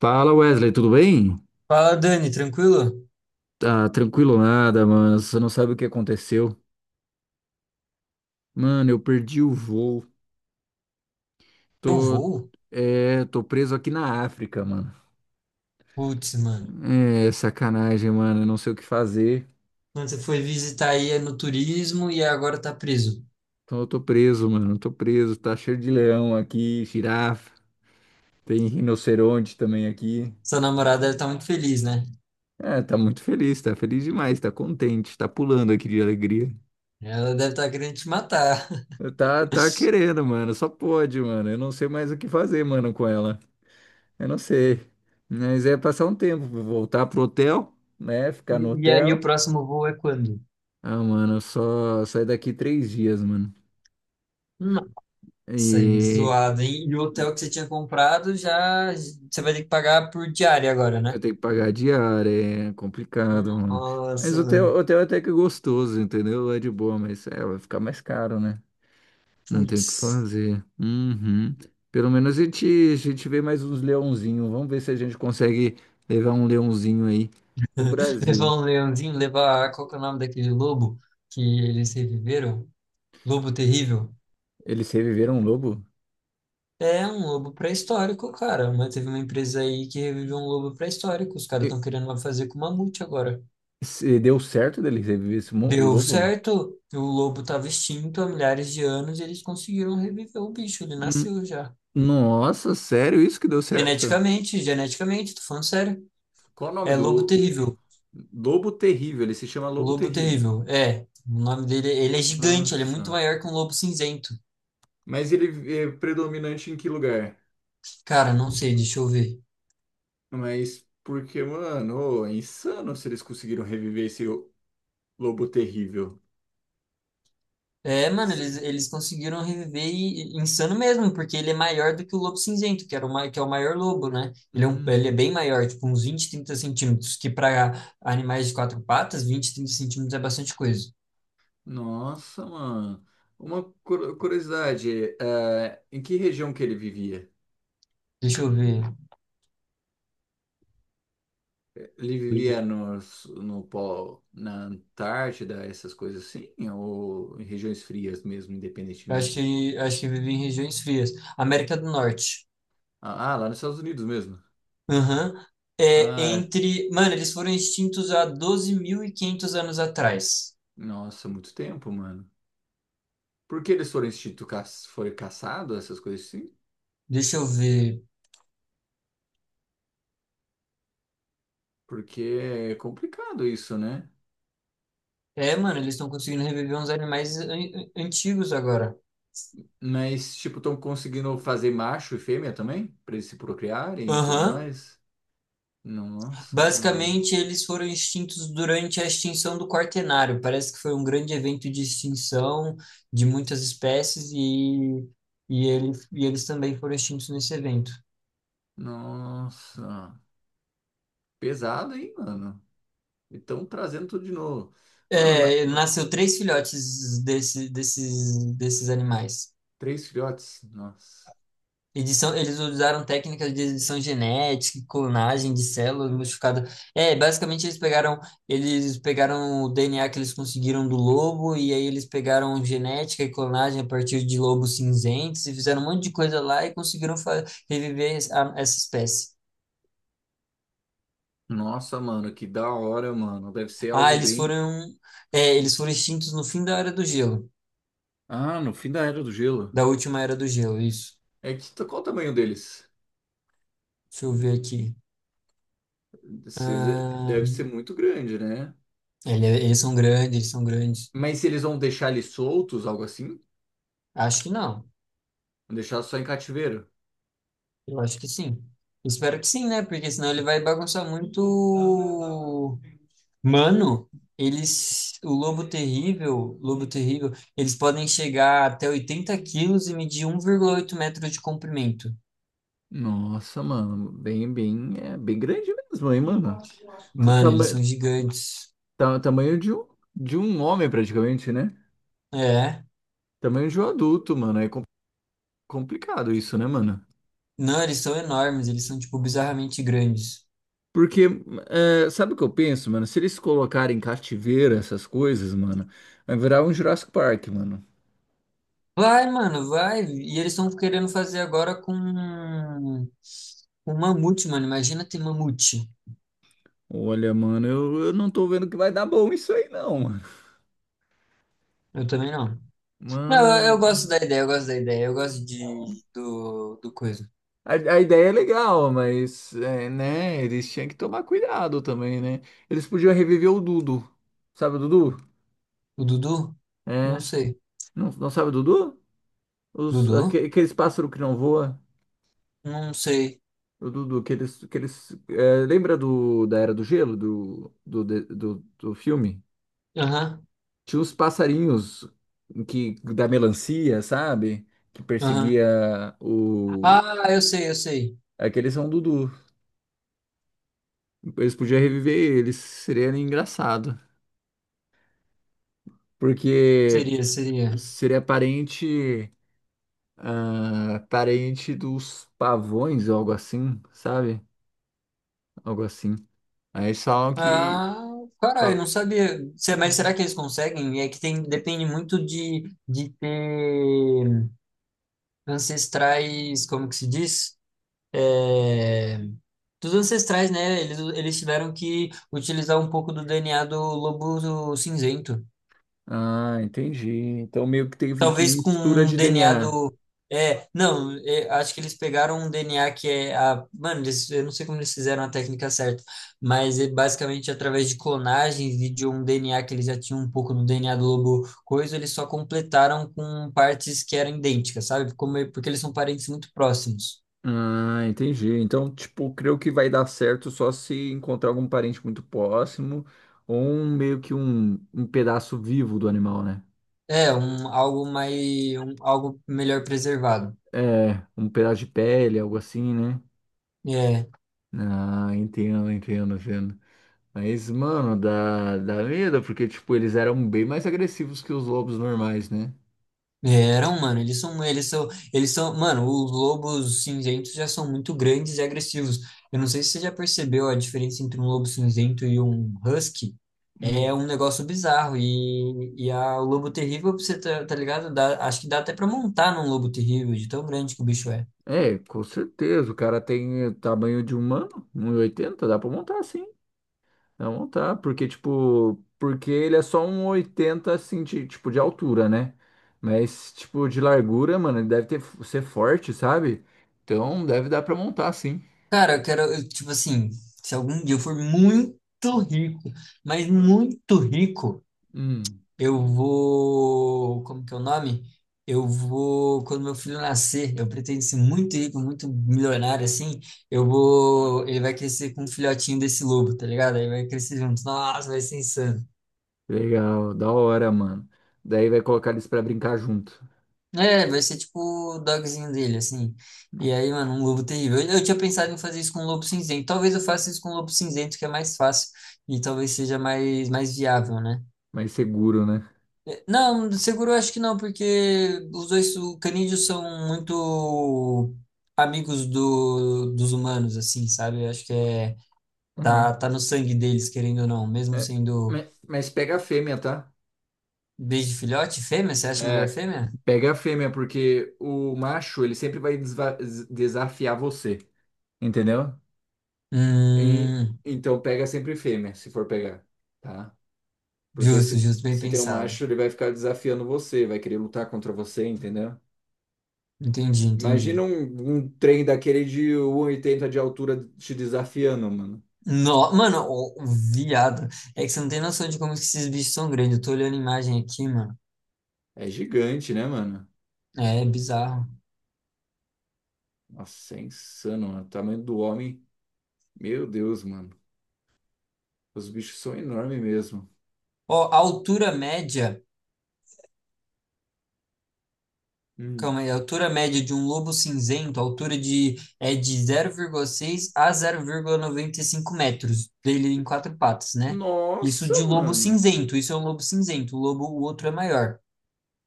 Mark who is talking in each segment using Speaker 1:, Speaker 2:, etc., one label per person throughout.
Speaker 1: Fala Wesley, tudo bem?
Speaker 2: Fala, Dani, tranquilo?
Speaker 1: Tá tranquilo nada, mano. Você não sabe o que aconteceu. Mano, eu perdi o voo.
Speaker 2: Eu
Speaker 1: Tô,
Speaker 2: vou?
Speaker 1: tô preso aqui na África, mano.
Speaker 2: Putz, mano.
Speaker 1: É, sacanagem, mano. Eu não sei o que fazer.
Speaker 2: Quando você foi visitar aí é no turismo e agora tá preso.
Speaker 1: Então eu tô preso, mano. Tô preso. Tá cheio de leão aqui, girafa. Tem rinoceronte também aqui.
Speaker 2: Sua namorada deve estar muito feliz, né?
Speaker 1: É, tá muito feliz, tá feliz demais, tá contente, tá pulando aqui de alegria.
Speaker 2: Ela deve estar querendo te matar.
Speaker 1: Tá, tá querendo, mano. Só pode, mano. Eu não sei mais o que fazer, mano, com ela. Eu não sei. Mas é passar um tempo, voltar pro hotel, né? Ficar no
Speaker 2: E aí,
Speaker 1: hotel.
Speaker 2: o próximo voo é quando?
Speaker 1: Ah, mano, eu só saio daqui 3 dias, mano.
Speaker 2: Nossa, aí
Speaker 1: E
Speaker 2: zoado, hein? E o hotel que você tinha comprado, já você vai ter que pagar por diária agora,
Speaker 1: eu
Speaker 2: né?
Speaker 1: tenho que pagar a diária, é complicado, mano. Mas
Speaker 2: Nossa,
Speaker 1: o hotel,
Speaker 2: mano.
Speaker 1: hotel até que é gostoso, entendeu? É de boa, mas é, vai ficar mais caro, né? Não tem o que
Speaker 2: Putz.
Speaker 1: fazer. Uhum. Pelo menos a gente vê mais uns leãozinhos. Vamos ver se a gente consegue levar um leãozinho aí pro
Speaker 2: Levar
Speaker 1: Brasil.
Speaker 2: um leãozinho, levar. Qual que é o nome daquele lobo que eles reviveram? Lobo terrível?
Speaker 1: Eles reviveram um lobo?
Speaker 2: É um lobo pré-histórico, cara. Mas teve uma empresa aí que reviveu um lobo pré-histórico. Os caras estão querendo fazer com mamute agora.
Speaker 1: Se deu certo dele reviver o
Speaker 2: Deu
Speaker 1: lobo?
Speaker 2: certo, o lobo estava extinto há milhares de anos e eles conseguiram reviver o bicho. Ele
Speaker 1: Hum.
Speaker 2: nasceu já.
Speaker 1: Nossa, sério isso que deu certo?
Speaker 2: Geneticamente, geneticamente, tô falando sério.
Speaker 1: Qual o nome
Speaker 2: É lobo
Speaker 1: do
Speaker 2: terrível.
Speaker 1: Lobo Terrível? Ele se chama Lobo
Speaker 2: Lobo
Speaker 1: Terrível.
Speaker 2: terrível. É. O nome dele, ele é gigante, ele é muito
Speaker 1: Nossa.
Speaker 2: maior que um lobo cinzento.
Speaker 1: Mas ele é predominante em que lugar?
Speaker 2: Cara, não sei, deixa eu ver.
Speaker 1: Mas porque, mano, ô, é insano se eles conseguiram reviver esse Lobo Terrível.
Speaker 2: É, mano, eles conseguiram reviver insano mesmo, porque ele é maior do que o lobo cinzento, que era o, que é o maior lobo, né? Ele é, um,
Speaker 1: Hum,
Speaker 2: ele é bem maior, tipo uns 20, 30 centímetros, que para animais de quatro patas, 20, 30 centímetros é bastante coisa.
Speaker 1: nossa, mano. Uma curiosidade, é, em que região que ele vivia?
Speaker 2: Deixa eu ver.
Speaker 1: Ele vivia no pó, na Antártida, essas coisas assim, ou em regiões frias mesmo,
Speaker 2: Eu Acho
Speaker 1: independentemente?
Speaker 2: que, acho que vive em regiões frias. América do Norte.
Speaker 1: Ah, lá nos Estados Unidos mesmo.
Speaker 2: Aham. É,
Speaker 1: Ah,
Speaker 2: entre. Mano, eles foram extintos há 12.500 anos atrás.
Speaker 1: nossa, muito tempo, mano. Por que eles foram foram caçados, essas coisas assim?
Speaker 2: Deixa eu ver.
Speaker 1: Porque é complicado isso, né?
Speaker 2: É, mano, eles estão conseguindo reviver uns animais antigos agora.
Speaker 1: Mas, tipo, estão conseguindo fazer macho e fêmea também? Pra eles se procriarem e tudo
Speaker 2: Aham.
Speaker 1: mais? Nossa, mano.
Speaker 2: Basicamente, eles foram extintos durante a extinção do Quaternário. Parece que foi um grande evento de extinção de muitas espécies e, ele, e eles também foram extintos nesse evento.
Speaker 1: Nossa. Pesado, hein, mano? Então, trazendo tudo de novo. Mano,
Speaker 2: É, nasceu três filhotes desses animais.
Speaker 1: 3 filhotes. Nossa.
Speaker 2: Edição, eles usaram técnicas de edição genética, clonagem de células modificadas. É, basicamente eles pegaram o DNA que eles conseguiram do lobo e aí eles pegaram genética e clonagem a partir de lobos cinzentos e fizeram um monte de coisa lá e conseguiram reviver essa espécie.
Speaker 1: Nossa, mano, que da hora, mano. Deve ser algo
Speaker 2: Ah, eles
Speaker 1: bem.
Speaker 2: foram, é, eles foram extintos no fim da era do gelo,
Speaker 1: Ah, no fim da Era do Gelo.
Speaker 2: da última era do gelo, isso.
Speaker 1: É que qual o tamanho deles?
Speaker 2: Deixa eu ver aqui.
Speaker 1: Cês-
Speaker 2: Ah,
Speaker 1: Deve ser muito grande, né?
Speaker 2: é, eles são grandes, eles são grandes.
Speaker 1: Mas se eles vão deixar eles soltos, algo assim?
Speaker 2: Acho que não.
Speaker 1: Vão deixar só em cativeiro?
Speaker 2: Eu acho que sim. Espero que sim, né? Porque senão ele vai bagunçar muito. Mano, eles. O lobo terrível, eles podem chegar até 80 quilos e medir 1,8 metros de comprimento.
Speaker 1: Nossa, mano, bem, é bem grande mesmo, hein, mano? Tu-
Speaker 2: Mano, eles
Speaker 1: Tama
Speaker 2: são gigantes.
Speaker 1: tamanho de um homem, praticamente, né?
Speaker 2: É.
Speaker 1: Tamanho de um adulto, mano. É complicado isso, né, mano?
Speaker 2: Não, eles são enormes, eles são, tipo, bizarramente grandes.
Speaker 1: Porque, é, sabe o que eu penso, mano? Se eles colocarem cativeiro, essas coisas, mano, vai virar um Jurassic Park, mano.
Speaker 2: Vai, mano, vai. E eles estão querendo fazer agora com. Com mamute, mano. Imagina ter mamute.
Speaker 1: Olha, mano, eu não tô vendo que vai dar bom isso aí, não, mano.
Speaker 2: Eu também não. Não, eu gosto
Speaker 1: Mano,
Speaker 2: da ideia, eu gosto da ideia. Eu gosto de, do coisa.
Speaker 1: a ideia é legal, mas, é, né, eles tinham que tomar cuidado também, né? Eles podiam reviver o Dudu. Sabe o Dudu?
Speaker 2: O Dudu? Não
Speaker 1: É.
Speaker 2: sei.
Speaker 1: Não, não sabe o Dudu?
Speaker 2: Dudu?
Speaker 1: Aqueles pássaros que não voam.
Speaker 2: Não sei.
Speaker 1: O Dudu, aqueles, é, lembra da Era do Gelo, do filme?
Speaker 2: Aham,
Speaker 1: Tinha os passarinhos que da melancia, sabe? Que
Speaker 2: aham.
Speaker 1: perseguia o.
Speaker 2: Ah, eu sei, eu sei.
Speaker 1: Aqueles são Dudu. Eles podiam reviver eles. Seria engraçado. Porque
Speaker 2: Seria, seria.
Speaker 1: seria parente. Ah, parente dos pavões ou algo assim, sabe? Algo assim. Aí só que.
Speaker 2: Ah, caralho, não
Speaker 1: fala-
Speaker 2: sabia. É, mas será
Speaker 1: "Uhum".
Speaker 2: que eles conseguem? É que tem, depende muito de ter ancestrais, como que se diz? É... Dos ancestrais, né? Eles tiveram que utilizar um pouco do DNA do lobo cinzento.
Speaker 1: Ah, entendi. Então meio que teve que
Speaker 2: Talvez com
Speaker 1: mistura
Speaker 2: um
Speaker 1: de
Speaker 2: DNA
Speaker 1: DNA.
Speaker 2: do. É, não, é, acho que eles pegaram um DNA que é a. Mano, eles, eu não sei como eles fizeram a técnica certa, mas é basicamente através de clonagem e de um DNA que eles já tinham um pouco no DNA do lobo coisa, eles só completaram com partes que eram idênticas, sabe? Como, porque eles são parentes muito próximos.
Speaker 1: Ah, entendi. Então, tipo, creio que vai dar certo só se encontrar algum parente muito próximo ou um pedaço vivo do animal, né?
Speaker 2: É, um, algo mais. Um, algo melhor preservado.
Speaker 1: É, um pedaço de pele, algo assim, né?
Speaker 2: É.
Speaker 1: Ah, entendo. Mas, mano, dá medo, porque, tipo, eles eram bem mais agressivos que os lobos normais, né?
Speaker 2: Eram, mano, eles são, mano, os lobos cinzentos já são muito grandes e agressivos. Eu não sei se você já percebeu a diferença entre um lobo cinzento e um husky. É
Speaker 1: Hum.
Speaker 2: um negócio bizarro. E a, o lobo terrível, pra você tá ligado? Acho que dá até pra montar num lobo terrível, de tão grande que o bicho é.
Speaker 1: É, com certeza. O cara tem tamanho de humano, 1,80 dá pra montar assim. Não, tá, porque, tipo, porque ele é só 1,80 assim, de, tipo, de altura, né? Mas, tipo, de largura, mano, ele deve ter, ser forte, sabe? Então, deve dar pra montar, sim.
Speaker 2: Cara, eu quero, eu, tipo assim, se algum dia eu for muito rico, mas muito rico.
Speaker 1: Hum,
Speaker 2: Eu vou. Como que é o nome? Eu vou. Quando meu filho nascer, eu pretendo ser muito rico, muito milionário, assim. Eu vou. Ele vai crescer com um filhotinho desse lobo, tá ligado? Aí vai crescer junto. Nossa, vai ser insano.
Speaker 1: legal, da hora, mano. Daí vai colocar eles pra brincar junto.
Speaker 2: É, vai ser tipo o dogzinho dele, assim. E aí, mano, um lobo terrível. Eu tinha pensado em fazer isso com um lobo cinzento. Talvez eu faça isso com um lobo cinzento, que é mais fácil. E talvez seja mais, mais viável, né?
Speaker 1: Mais seguro, né?
Speaker 2: Não, seguro eu acho que não, porque os dois o canídeos são muito amigos do, dos humanos, assim, sabe? Eu acho que é, tá,
Speaker 1: Uhum.
Speaker 2: tá no sangue deles, querendo ou não, mesmo
Speaker 1: É,
Speaker 2: sendo
Speaker 1: mas pega a fêmea, tá?
Speaker 2: desde filhote, fêmea, você acha melhor
Speaker 1: É,
Speaker 2: fêmea?
Speaker 1: pega a fêmea, porque o macho, ele sempre vai desafiar você, entendeu? E-
Speaker 2: Hum,
Speaker 1: então pega sempre fêmea, se for pegar, tá? Porque
Speaker 2: justo, justo, bem
Speaker 1: se tem um
Speaker 2: pensado.
Speaker 1: macho, ele vai ficar desafiando você, vai querer lutar contra você, entendeu?
Speaker 2: Entendi,
Speaker 1: Imagina
Speaker 2: entendi.
Speaker 1: um trem daquele de 1,80 de altura te desafiando, mano.
Speaker 2: No, mano, o viado, é que você não tem noção de como que esses bichos são grandes. Eu tô olhando a imagem aqui, mano.
Speaker 1: É gigante, né, mano?
Speaker 2: É bizarro.
Speaker 1: Nossa, é insano, mano. O tamanho do homem. Meu Deus, mano. Os bichos são enormes mesmo.
Speaker 2: Ó, a altura média.
Speaker 1: Hum.
Speaker 2: Calma aí, a altura média de um lobo cinzento, a altura de, é de 0,6 a 0,95 metros, dele em quatro patas, né? Isso
Speaker 1: Nossa,
Speaker 2: de lobo
Speaker 1: mano.
Speaker 2: cinzento, isso é um lobo cinzento, o lobo, o outro é maior.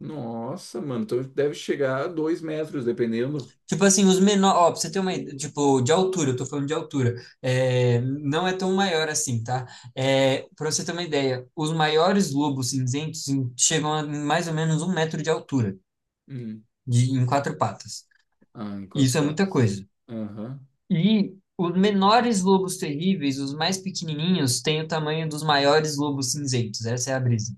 Speaker 1: Nossa, mano. Então deve chegar a 2 metros, dependendo.
Speaker 2: Tipo assim, os menores, ó, pra você ter uma ideia, tipo, de altura, eu tô falando de altura, é, não é tão maior assim, tá? É, pra você ter uma ideia, os maiores lobos cinzentos chegam a mais ou menos 1 metro de altura,
Speaker 1: Hum.
Speaker 2: de, em quatro patas.
Speaker 1: Ah, em
Speaker 2: E
Speaker 1: quatro
Speaker 2: isso é muita
Speaker 1: patas.
Speaker 2: coisa.
Speaker 1: Aham.
Speaker 2: E os menores lobos terríveis, os mais pequenininhos, têm o tamanho dos maiores lobos cinzentos. Essa é a brisa.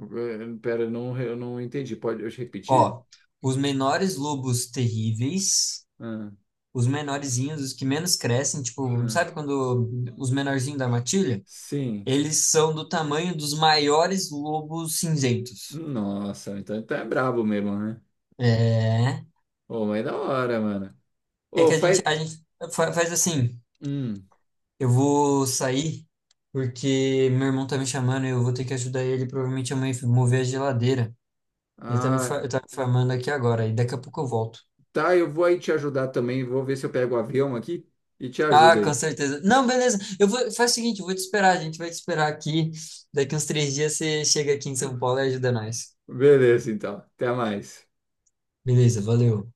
Speaker 1: Eh, pera, não, eu não entendi. Pode eu te repetir?
Speaker 2: Ó, os menores lobos terríveis,
Speaker 1: Ah,
Speaker 2: os menorzinhos, os que menos crescem, tipo,
Speaker 1: ah,
Speaker 2: sabe quando os menorzinhos da matilha?
Speaker 1: sim.
Speaker 2: Eles são do tamanho dos maiores lobos cinzentos.
Speaker 1: Nossa, então tá brabo mesmo, né?
Speaker 2: É.
Speaker 1: Ô, mas é da hora, mano.
Speaker 2: É
Speaker 1: Ô,
Speaker 2: que a gente,
Speaker 1: faz.
Speaker 2: a gente faz assim.
Speaker 1: Hum.
Speaker 2: Eu vou sair porque meu irmão tá me chamando e eu vou ter que ajudar ele provavelmente amanhã a mãe mover a geladeira. Ele tá me,
Speaker 1: Ah,
Speaker 2: ele tá me formando aqui agora, e daqui a pouco eu volto.
Speaker 1: tá, eu vou aí te ajudar também. Vou ver se eu pego o avião aqui e te
Speaker 2: Ah,
Speaker 1: ajudo
Speaker 2: com
Speaker 1: aí.
Speaker 2: certeza. Não, beleza. Eu vou, faz o seguinte, eu vou te esperar, a gente vai te esperar aqui. Daqui uns 3 dias você chega aqui em São Paulo e ajuda nós.
Speaker 1: Beleza, então. Até mais.
Speaker 2: Beleza, valeu.